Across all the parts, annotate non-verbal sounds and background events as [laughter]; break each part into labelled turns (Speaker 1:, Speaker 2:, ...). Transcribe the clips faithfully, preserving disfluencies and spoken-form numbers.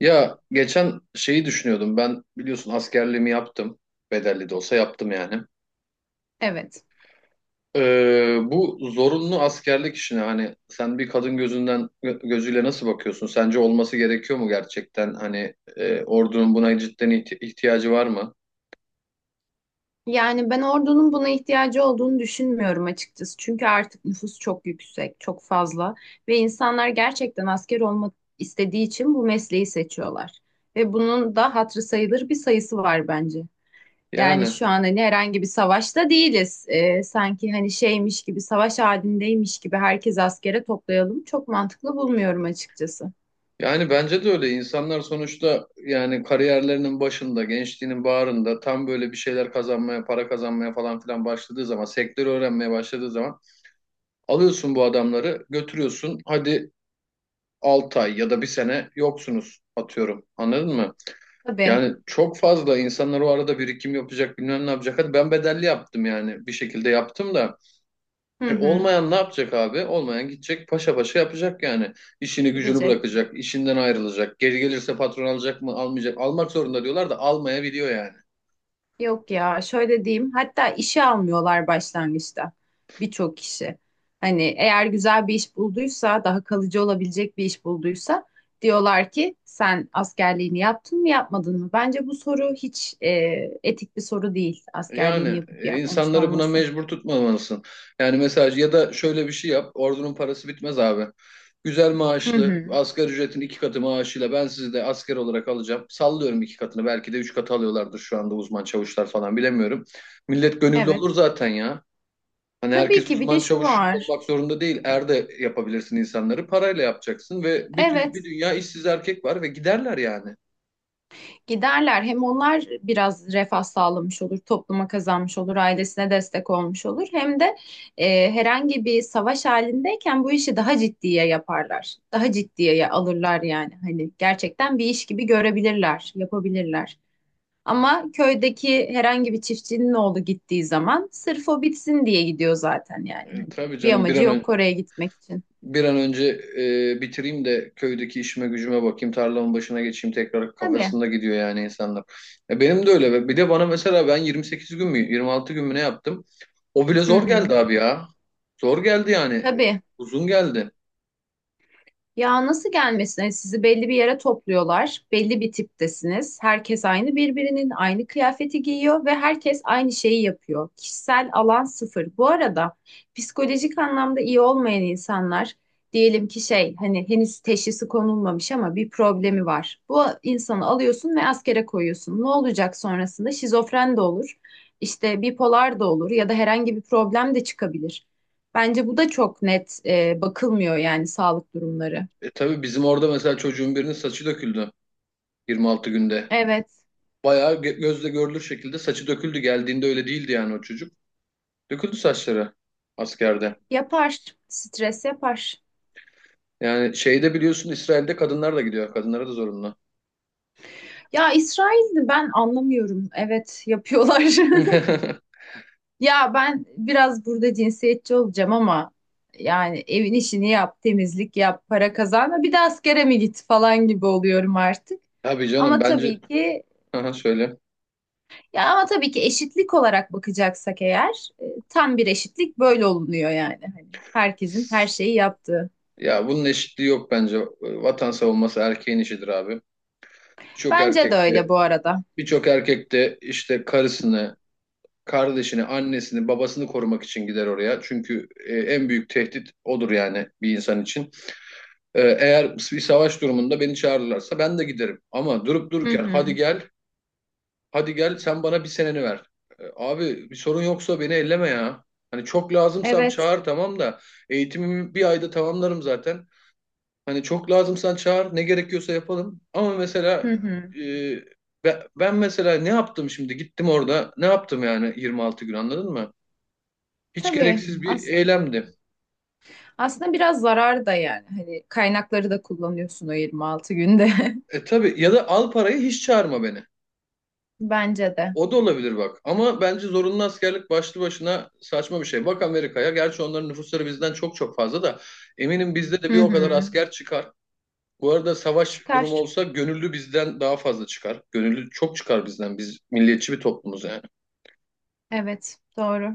Speaker 1: Ya geçen şeyi düşünüyordum. Ben biliyorsun askerliğimi yaptım. Bedelli de olsa yaptım yani.
Speaker 2: Evet.
Speaker 1: Ee, bu zorunlu askerlik işine hani sen bir kadın gözünden gö- gözüyle nasıl bakıyorsun? Sence olması gerekiyor mu gerçekten? Hani e, ordunun buna cidden ihti- ihtiyacı var mı?
Speaker 2: Yani ben ordunun buna ihtiyacı olduğunu düşünmüyorum açıkçası. Çünkü artık nüfus çok yüksek, çok fazla ve insanlar gerçekten asker olmak istediği için bu mesleği seçiyorlar. Ve bunun da hatırı sayılır bir sayısı var bence. Yani
Speaker 1: Yani
Speaker 2: şu an hani herhangi bir savaşta değiliz. Ee, sanki hani şeymiş gibi, savaş halindeymiş gibi herkes askere toplayalım. Çok mantıklı bulmuyorum açıkçası.
Speaker 1: yani bence de öyle. İnsanlar sonuçta yani kariyerlerinin başında, gençliğinin bağrında tam böyle bir şeyler kazanmaya, para kazanmaya falan filan başladığı zaman, sektörü öğrenmeye başladığı zaman alıyorsun bu adamları, götürüyorsun. Hadi altı ay ya da bir sene yoksunuz atıyorum. Anladın mı?
Speaker 2: Tabii.
Speaker 1: Yani çok fazla insanlar o arada birikim yapacak, bilmem ne yapacak. Hadi ben bedelli yaptım yani bir şekilde yaptım da.
Speaker 2: Hı
Speaker 1: E,
Speaker 2: hı.
Speaker 1: olmayan ne yapacak abi? Olmayan gidecek paşa paşa yapacak yani. İşini gücünü
Speaker 2: Gidecek.
Speaker 1: bırakacak, işinden ayrılacak. Geri gelirse patron alacak mı, almayacak. Almak zorunda diyorlar da almayabiliyor yani.
Speaker 2: Yok ya şöyle diyeyim, hatta işe almıyorlar başlangıçta birçok kişi. Hani eğer güzel bir iş bulduysa, daha kalıcı olabilecek bir iş bulduysa diyorlar ki sen askerliğini yaptın mı yapmadın mı? Bence bu soru hiç e, etik bir soru değil, askerliğini
Speaker 1: Yani
Speaker 2: yapıp
Speaker 1: e,
Speaker 2: yapmamış
Speaker 1: insanları buna
Speaker 2: olması.
Speaker 1: mecbur tutmamalısın. Yani mesela ya da şöyle bir şey yap. Ordunun parası bitmez abi. Güzel
Speaker 2: Hı
Speaker 1: maaşlı,
Speaker 2: hı,
Speaker 1: asgari ücretin iki katı maaşıyla ben sizi de asker olarak alacağım. Sallıyorum iki katını. Belki de üç katı alıyorlardır şu anda uzman çavuşlar falan bilemiyorum. Millet gönüllü
Speaker 2: evet.
Speaker 1: olur zaten ya. Hani
Speaker 2: Tabii
Speaker 1: herkes
Speaker 2: ki bir de
Speaker 1: uzman
Speaker 2: şu
Speaker 1: çavuş
Speaker 2: var.
Speaker 1: olmak zorunda değil. Er de yapabilirsin insanları. Parayla yapacaksın ve bir, tü-
Speaker 2: Evet.
Speaker 1: bir dünya işsiz erkek var ve giderler yani.
Speaker 2: Giderler. Hem onlar biraz refah sağlamış olur, topluma kazanmış olur, ailesine destek olmuş olur. Hem de e, herhangi bir savaş halindeyken bu işi daha ciddiye yaparlar. Daha ciddiye alırlar yani. Hani gerçekten bir iş gibi görebilirler, yapabilirler. Ama köydeki herhangi bir çiftçinin oğlu gittiği zaman sırf o bitsin diye gidiyor zaten yani.
Speaker 1: E,
Speaker 2: Hani
Speaker 1: tabii
Speaker 2: bir
Speaker 1: canım bir
Speaker 2: amacı
Speaker 1: an
Speaker 2: yok
Speaker 1: önce
Speaker 2: oraya gitmek için.
Speaker 1: bir an önce e, bitireyim de köydeki işime gücüme bakayım, tarlamın başına geçeyim tekrar
Speaker 2: Tabii.
Speaker 1: kafasında gidiyor yani insanlar. E, benim de öyle. Bir de bana mesela ben yirmi sekiz gün mü yirmi altı gün mü ne yaptım? O bile
Speaker 2: Hı
Speaker 1: zor geldi
Speaker 2: hı.
Speaker 1: abi ya. Zor geldi yani. E,
Speaker 2: Tabii.
Speaker 1: Uzun geldi.
Speaker 2: Ya nasıl gelmesine, sizi belli bir yere topluyorlar. Belli bir tiptesiniz. Herkes aynı, birbirinin aynı kıyafeti giyiyor ve herkes aynı şeyi yapıyor. Kişisel alan sıfır. Bu arada psikolojik anlamda iyi olmayan insanlar, diyelim ki şey, hani henüz teşhisi konulmamış ama bir problemi var. Bu insanı alıyorsun ve askere koyuyorsun. Ne olacak sonrasında? Şizofren de olur. işte bipolar da olur ya da herhangi bir problem de çıkabilir. Bence bu da çok net e, bakılmıyor yani, sağlık durumları.
Speaker 1: E tabii bizim orada mesela çocuğun birinin saçı döküldü yirmi altı günde.
Speaker 2: Evet,
Speaker 1: Bayağı gö- gözle görülür şekilde saçı döküldü. Geldiğinde öyle değildi yani o çocuk. Döküldü saçları askerde.
Speaker 2: yapar. Stres yapar.
Speaker 1: Yani şeyde biliyorsun İsrail'de kadınlar da gidiyor. Kadınlara da zorunlu.
Speaker 2: Ya İsrail'i ben anlamıyorum. Evet, yapıyorlar. [laughs]
Speaker 1: [laughs]
Speaker 2: Ya ben biraz burada cinsiyetçi olacağım ama yani evin işini yap, temizlik yap, para kazanma, bir de askere mi git falan gibi oluyorum artık.
Speaker 1: Tabii canım
Speaker 2: Ama
Speaker 1: bence.
Speaker 2: tabii ki,
Speaker 1: [laughs] Aha, söyle.
Speaker 2: ya ama tabii ki eşitlik olarak bakacaksak eğer e, tam bir eşitlik böyle olunuyor yani. Hani herkesin her şeyi yaptığı.
Speaker 1: Ya bunun eşitliği yok bence. Vatan savunması erkeğin işidir abi. Birçok
Speaker 2: Bence de
Speaker 1: erkek
Speaker 2: öyle
Speaker 1: de
Speaker 2: bu arada.
Speaker 1: birçok erkek de işte karısını, kardeşini, annesini, babasını korumak için gider oraya. Çünkü e, en büyük tehdit odur yani bir insan için. E, eğer bir savaş durumunda beni çağırırlarsa ben de giderim. Ama durup
Speaker 2: Hı
Speaker 1: dururken hadi
Speaker 2: hı.
Speaker 1: gel, hadi gel sen bana bir seneni ver. E, Abi bir sorun yoksa beni elleme ya. Hani çok lazımsam
Speaker 2: Evet.
Speaker 1: çağır tamam da eğitimimi bir ayda tamamlarım zaten. Hani çok lazımsan çağır ne gerekiyorsa yapalım. Ama mesela
Speaker 2: Hı hı.
Speaker 1: e, be- ben mesela ne yaptım şimdi gittim orada ne yaptım yani yirmi altı gün anladın mı? Hiç
Speaker 2: Tabii.
Speaker 1: gereksiz bir
Speaker 2: As
Speaker 1: eylemdi.
Speaker 2: aslında biraz zarar da yani. Hani kaynakları da kullanıyorsun o yirmi altı günde.
Speaker 1: E tabii ya da al parayı hiç çağırma beni.
Speaker 2: [laughs] Bence de.
Speaker 1: O da olabilir bak. Ama bence zorunlu askerlik başlı başına saçma bir şey. Bak Amerika'ya. Gerçi onların nüfusları bizden çok çok fazla da eminim bizde de bir
Speaker 2: Hı
Speaker 1: o kadar
Speaker 2: hı.
Speaker 1: asker çıkar. Bu arada savaş durumu
Speaker 2: Çıkar.
Speaker 1: olsa gönüllü bizden daha fazla çıkar. Gönüllü çok çıkar bizden. Biz milliyetçi bir toplumuz yani.
Speaker 2: Evet. Doğru.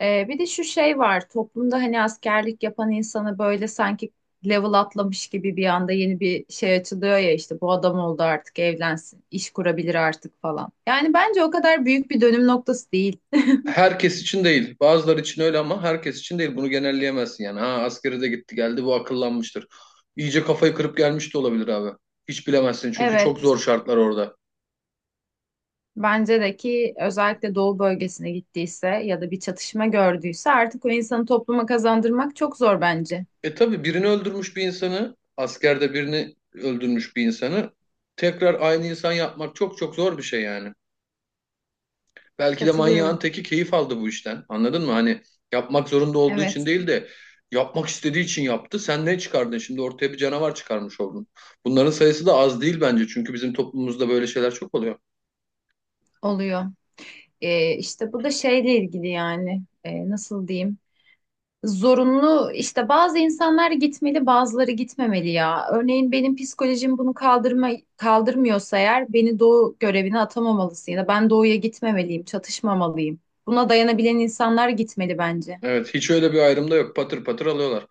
Speaker 2: Ee, bir de şu şey var toplumda, hani askerlik yapan insanı böyle sanki level atlamış gibi, bir anda yeni bir şey açılıyor ya, işte bu adam oldu artık, evlensin, iş kurabilir artık falan. Yani bence o kadar büyük bir dönüm noktası değil.
Speaker 1: Herkes için değil. Bazıları için öyle ama herkes için değil. Bunu genelleyemezsin yani. Ha askeri de gitti geldi bu akıllanmıştır. İyice kafayı kırıp gelmiş de olabilir abi. Hiç bilemezsin çünkü çok
Speaker 2: Evet,
Speaker 1: zor şartlar orada.
Speaker 2: bence de ki özellikle doğu bölgesine gittiyse ya da bir çatışma gördüyse, artık o insanı topluma kazandırmak çok zor bence.
Speaker 1: E tabii birini öldürmüş bir insanı, askerde birini öldürmüş bir insanı tekrar aynı insan yapmak çok çok zor bir şey yani. Belki de manyağın
Speaker 2: Katılıyorum.
Speaker 1: teki keyif aldı bu işten. Anladın mı? Hani yapmak zorunda olduğu için
Speaker 2: Evet,
Speaker 1: değil de yapmak istediği için yaptı. Sen ne çıkardın? Şimdi ortaya bir canavar çıkarmış oldun. Bunların sayısı da az değil bence. Çünkü bizim toplumumuzda böyle şeyler çok oluyor.
Speaker 2: oluyor. Ee, işte bu da şeyle ilgili yani. Ee, nasıl diyeyim? Zorunlu, işte bazı insanlar gitmeli, bazıları gitmemeli ya. Örneğin benim psikolojim bunu kaldırma, kaldırmıyorsa eğer, beni doğu görevine atamamalısın ya da ben doğuya gitmemeliyim, çatışmamalıyım. Buna dayanabilen insanlar gitmeli bence.
Speaker 1: Evet, hiç öyle bir ayrım da yok. Patır patır alıyorlar.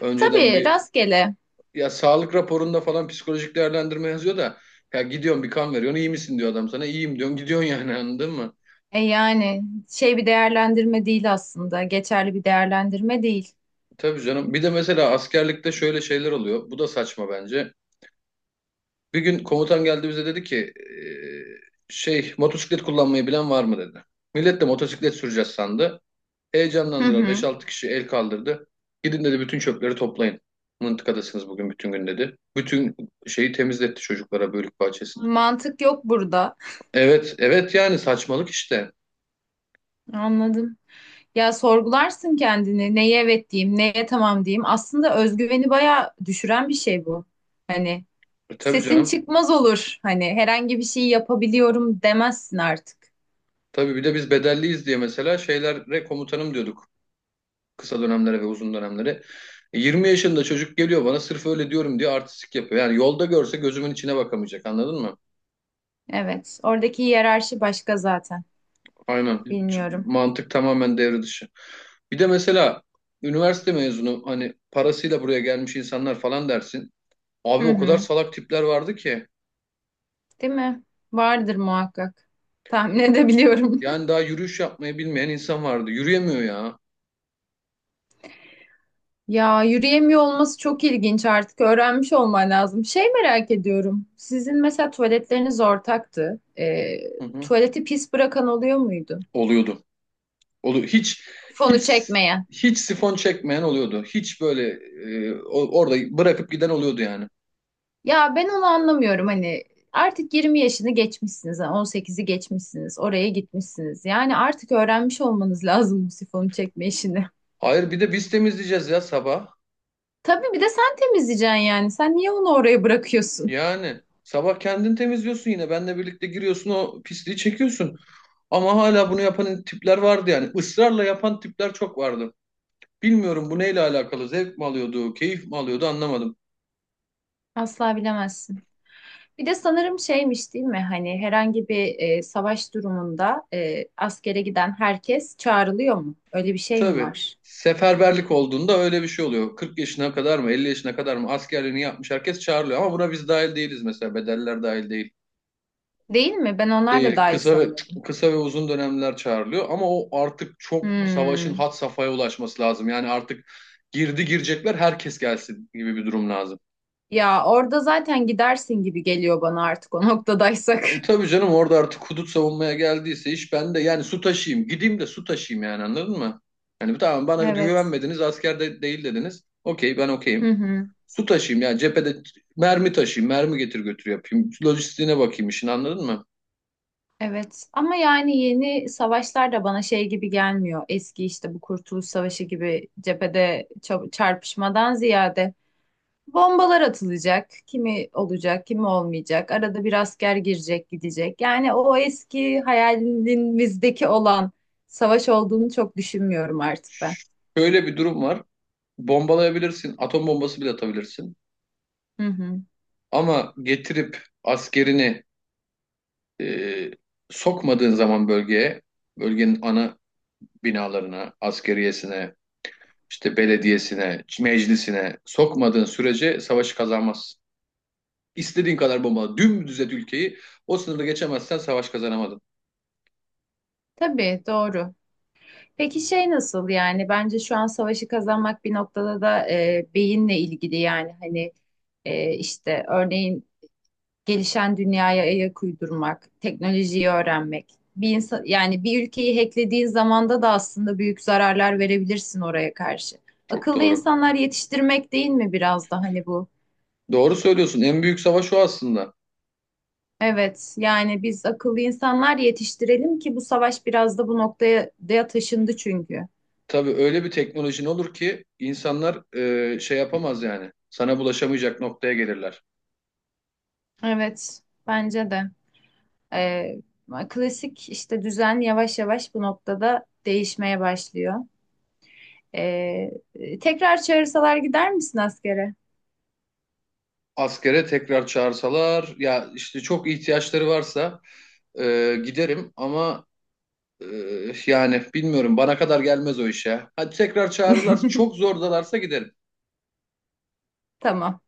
Speaker 1: Önceden
Speaker 2: Tabii,
Speaker 1: bir
Speaker 2: rastgele.
Speaker 1: ya sağlık raporunda falan psikolojik değerlendirme yazıyor da ya gidiyorsun bir kan veriyorsun iyi misin diyor adam sana iyiyim diyorsun gidiyorsun yani [laughs] anladın mı?
Speaker 2: E yani şey, bir değerlendirme değil aslında. Geçerli bir değerlendirme değil.
Speaker 1: Tabii canım. Bir de mesela askerlikte şöyle şeyler oluyor. Bu da saçma bence. Bir gün komutan geldi bize dedi ki eee, şey motosiklet kullanmayı bilen var mı dedi. Millet de motosiklet süreceğiz sandı.
Speaker 2: Hı
Speaker 1: Heyecanlandılar beş
Speaker 2: hı.
Speaker 1: altı kişi el kaldırdı. Gidin dedi bütün çöpleri toplayın. Mıntıkadasınız bugün bütün gün dedi. Bütün şeyi temizletti çocuklara bölük bahçesini.
Speaker 2: Mantık yok burada.
Speaker 1: Evet, evet yani saçmalık işte.
Speaker 2: Anladım. Ya sorgularsın kendini. Neye evet diyeyim, neye tamam diyeyim? Aslında özgüveni bayağı düşüren bir şey bu. Hani
Speaker 1: E, tabii
Speaker 2: sesin
Speaker 1: canım.
Speaker 2: çıkmaz olur. Hani herhangi bir şeyi yapabiliyorum demezsin artık.
Speaker 1: Tabii bir de biz bedelliyiz diye mesela şeylere komutanım diyorduk. Kısa dönemlere ve uzun dönemlere. E, yirmi yaşında çocuk geliyor bana sırf öyle diyorum diye artistik yapıyor. Yani yolda görse gözümün içine bakamayacak anladın mı?
Speaker 2: Evet. Oradaki hiyerarşi başka zaten.
Speaker 1: Aynen. Hiç
Speaker 2: Bilmiyorum.
Speaker 1: mantık tamamen devre dışı. Bir de mesela üniversite mezunu hani parasıyla buraya gelmiş insanlar falan dersin. Abi
Speaker 2: Hı
Speaker 1: o kadar
Speaker 2: hı.
Speaker 1: salak tipler vardı ki.
Speaker 2: Değil mi? Vardır muhakkak. Tahmin edebiliyorum. [laughs]
Speaker 1: Yani daha yürüyüş yapmayı bilmeyen insan vardı. Yürüyemiyor ya.
Speaker 2: Ya yürüyemiyor olması çok ilginç artık. Öğrenmiş olman lazım. Şey, merak ediyorum. Sizin mesela tuvaletleriniz ortaktı. Ee,
Speaker 1: Hı hı.
Speaker 2: tuvaleti pis bırakan oluyor muydu?
Speaker 1: Oluyordu. Olu hiç
Speaker 2: Fonu
Speaker 1: hiç
Speaker 2: çekmeye.
Speaker 1: hiç sifon çekmeyen oluyordu. Hiç böyle e, o- orada bırakıp giden oluyordu yani.
Speaker 2: Ya ben onu anlamıyorum, hani artık yirmi yaşını geçmişsiniz, yani on sekizi geçmişsiniz, oraya gitmişsiniz. Yani artık öğrenmiş olmanız lazım bu sifonu çekme işini.
Speaker 1: Hayır bir de biz temizleyeceğiz ya sabah.
Speaker 2: Tabii, bir de sen temizleyeceksin yani. Sen niye onu oraya bırakıyorsun?
Speaker 1: Yani sabah kendin temizliyorsun yine. Benle birlikte giriyorsun o pisliği çekiyorsun. Ama hala bunu yapan tipler vardı yani. Israrla yapan tipler çok vardı. Bilmiyorum bu neyle alakalı. Zevk mi alıyordu, keyif mi alıyordu anlamadım.
Speaker 2: Asla bilemezsin. Bir de sanırım şeymiş, değil mi? Hani herhangi bir e, savaş durumunda e, askere giden herkes çağrılıyor mu? Öyle bir şey mi
Speaker 1: Tabii.
Speaker 2: var?
Speaker 1: Seferberlik olduğunda öyle bir şey oluyor. kırk yaşına kadar mı, elli yaşına kadar mı askerliğini yapmış herkes çağrılıyor. Ama buna biz dahil değiliz mesela. Bedeller dahil değil.
Speaker 2: Değil mi? Ben onlar da
Speaker 1: Değil.
Speaker 2: dahil
Speaker 1: Kısa ve
Speaker 2: sanıyordum.
Speaker 1: kısa ve uzun dönemler çağrılıyor. Ama o artık çok savaşın
Speaker 2: Hmm.
Speaker 1: had safhaya ulaşması lazım. Yani artık girdi girecekler herkes gelsin gibi bir durum lazım.
Speaker 2: Ya orada zaten gidersin gibi geliyor bana artık o noktadaysak.
Speaker 1: E
Speaker 2: [laughs]
Speaker 1: tabii canım orada artık hudut savunmaya geldiyse iş ben de yani su taşıyayım. Gideyim de su taşıyayım yani anladın mı? Yani tamam bana
Speaker 2: Evet.
Speaker 1: güvenmediniz asker de değil dediniz. Okey ben
Speaker 2: Hı
Speaker 1: okeyim.
Speaker 2: hı.
Speaker 1: Su taşıyayım yani cephede mermi taşıyayım, mermi getir götür yapayım. Lojistiğine bakayım işin anladın mı?
Speaker 2: Evet. Ama yani yeni savaşlar da bana şey gibi gelmiyor. Eski işte bu Kurtuluş Savaşı gibi cephede ça- çarpışmadan ziyade bombalar atılacak. Kimi olacak, kimi olmayacak. Arada bir asker girecek, gidecek. Yani o eski hayalimizdeki olan savaş olduğunu çok düşünmüyorum artık ben.
Speaker 1: Şöyle bir durum var. Bombalayabilirsin, atom bombası bile atabilirsin.
Speaker 2: Hı hı.
Speaker 1: Ama getirip askerini e, sokmadığın zaman bölgeye, bölgenin ana binalarına, askeriyesine, işte belediyesine, meclisine sokmadığın sürece savaşı kazanmazsın. İstediğin kadar bombala, dümdüz et ülkeyi, o sınırda geçemezsen savaş kazanamadın.
Speaker 2: Tabii, doğru. Peki şey nasıl, yani bence şu an savaşı kazanmak bir noktada da e, beyinle ilgili yani. Hani e, işte örneğin gelişen dünyaya ayak uydurmak, teknolojiyi öğrenmek. Bir insan yani bir ülkeyi hacklediğin zamanda da aslında büyük zararlar verebilirsin oraya karşı.
Speaker 1: Çok
Speaker 2: Akıllı
Speaker 1: doğru.
Speaker 2: insanlar yetiştirmek, değil mi biraz da hani bu?
Speaker 1: Doğru söylüyorsun. En büyük savaş o aslında.
Speaker 2: Evet, yani biz akıllı insanlar yetiştirelim ki, bu savaş biraz da bu noktaya da taşındı çünkü.
Speaker 1: Tabii öyle bir teknolojin olur ki insanlar e, şey yapamaz yani. Sana bulaşamayacak noktaya gelirler.
Speaker 2: Evet, bence de. Ee, Klasik işte düzen yavaş yavaş bu noktada değişmeye başlıyor. Ee, tekrar çağırsalar gider misin askere?
Speaker 1: Askere tekrar çağırsalar ya işte çok ihtiyaçları varsa e, giderim ama e, yani bilmiyorum bana kadar gelmez o iş ya. Hadi tekrar çağırırlarsa çok
Speaker 2: [laughs]
Speaker 1: zordalarsa giderim.
Speaker 2: Tamam.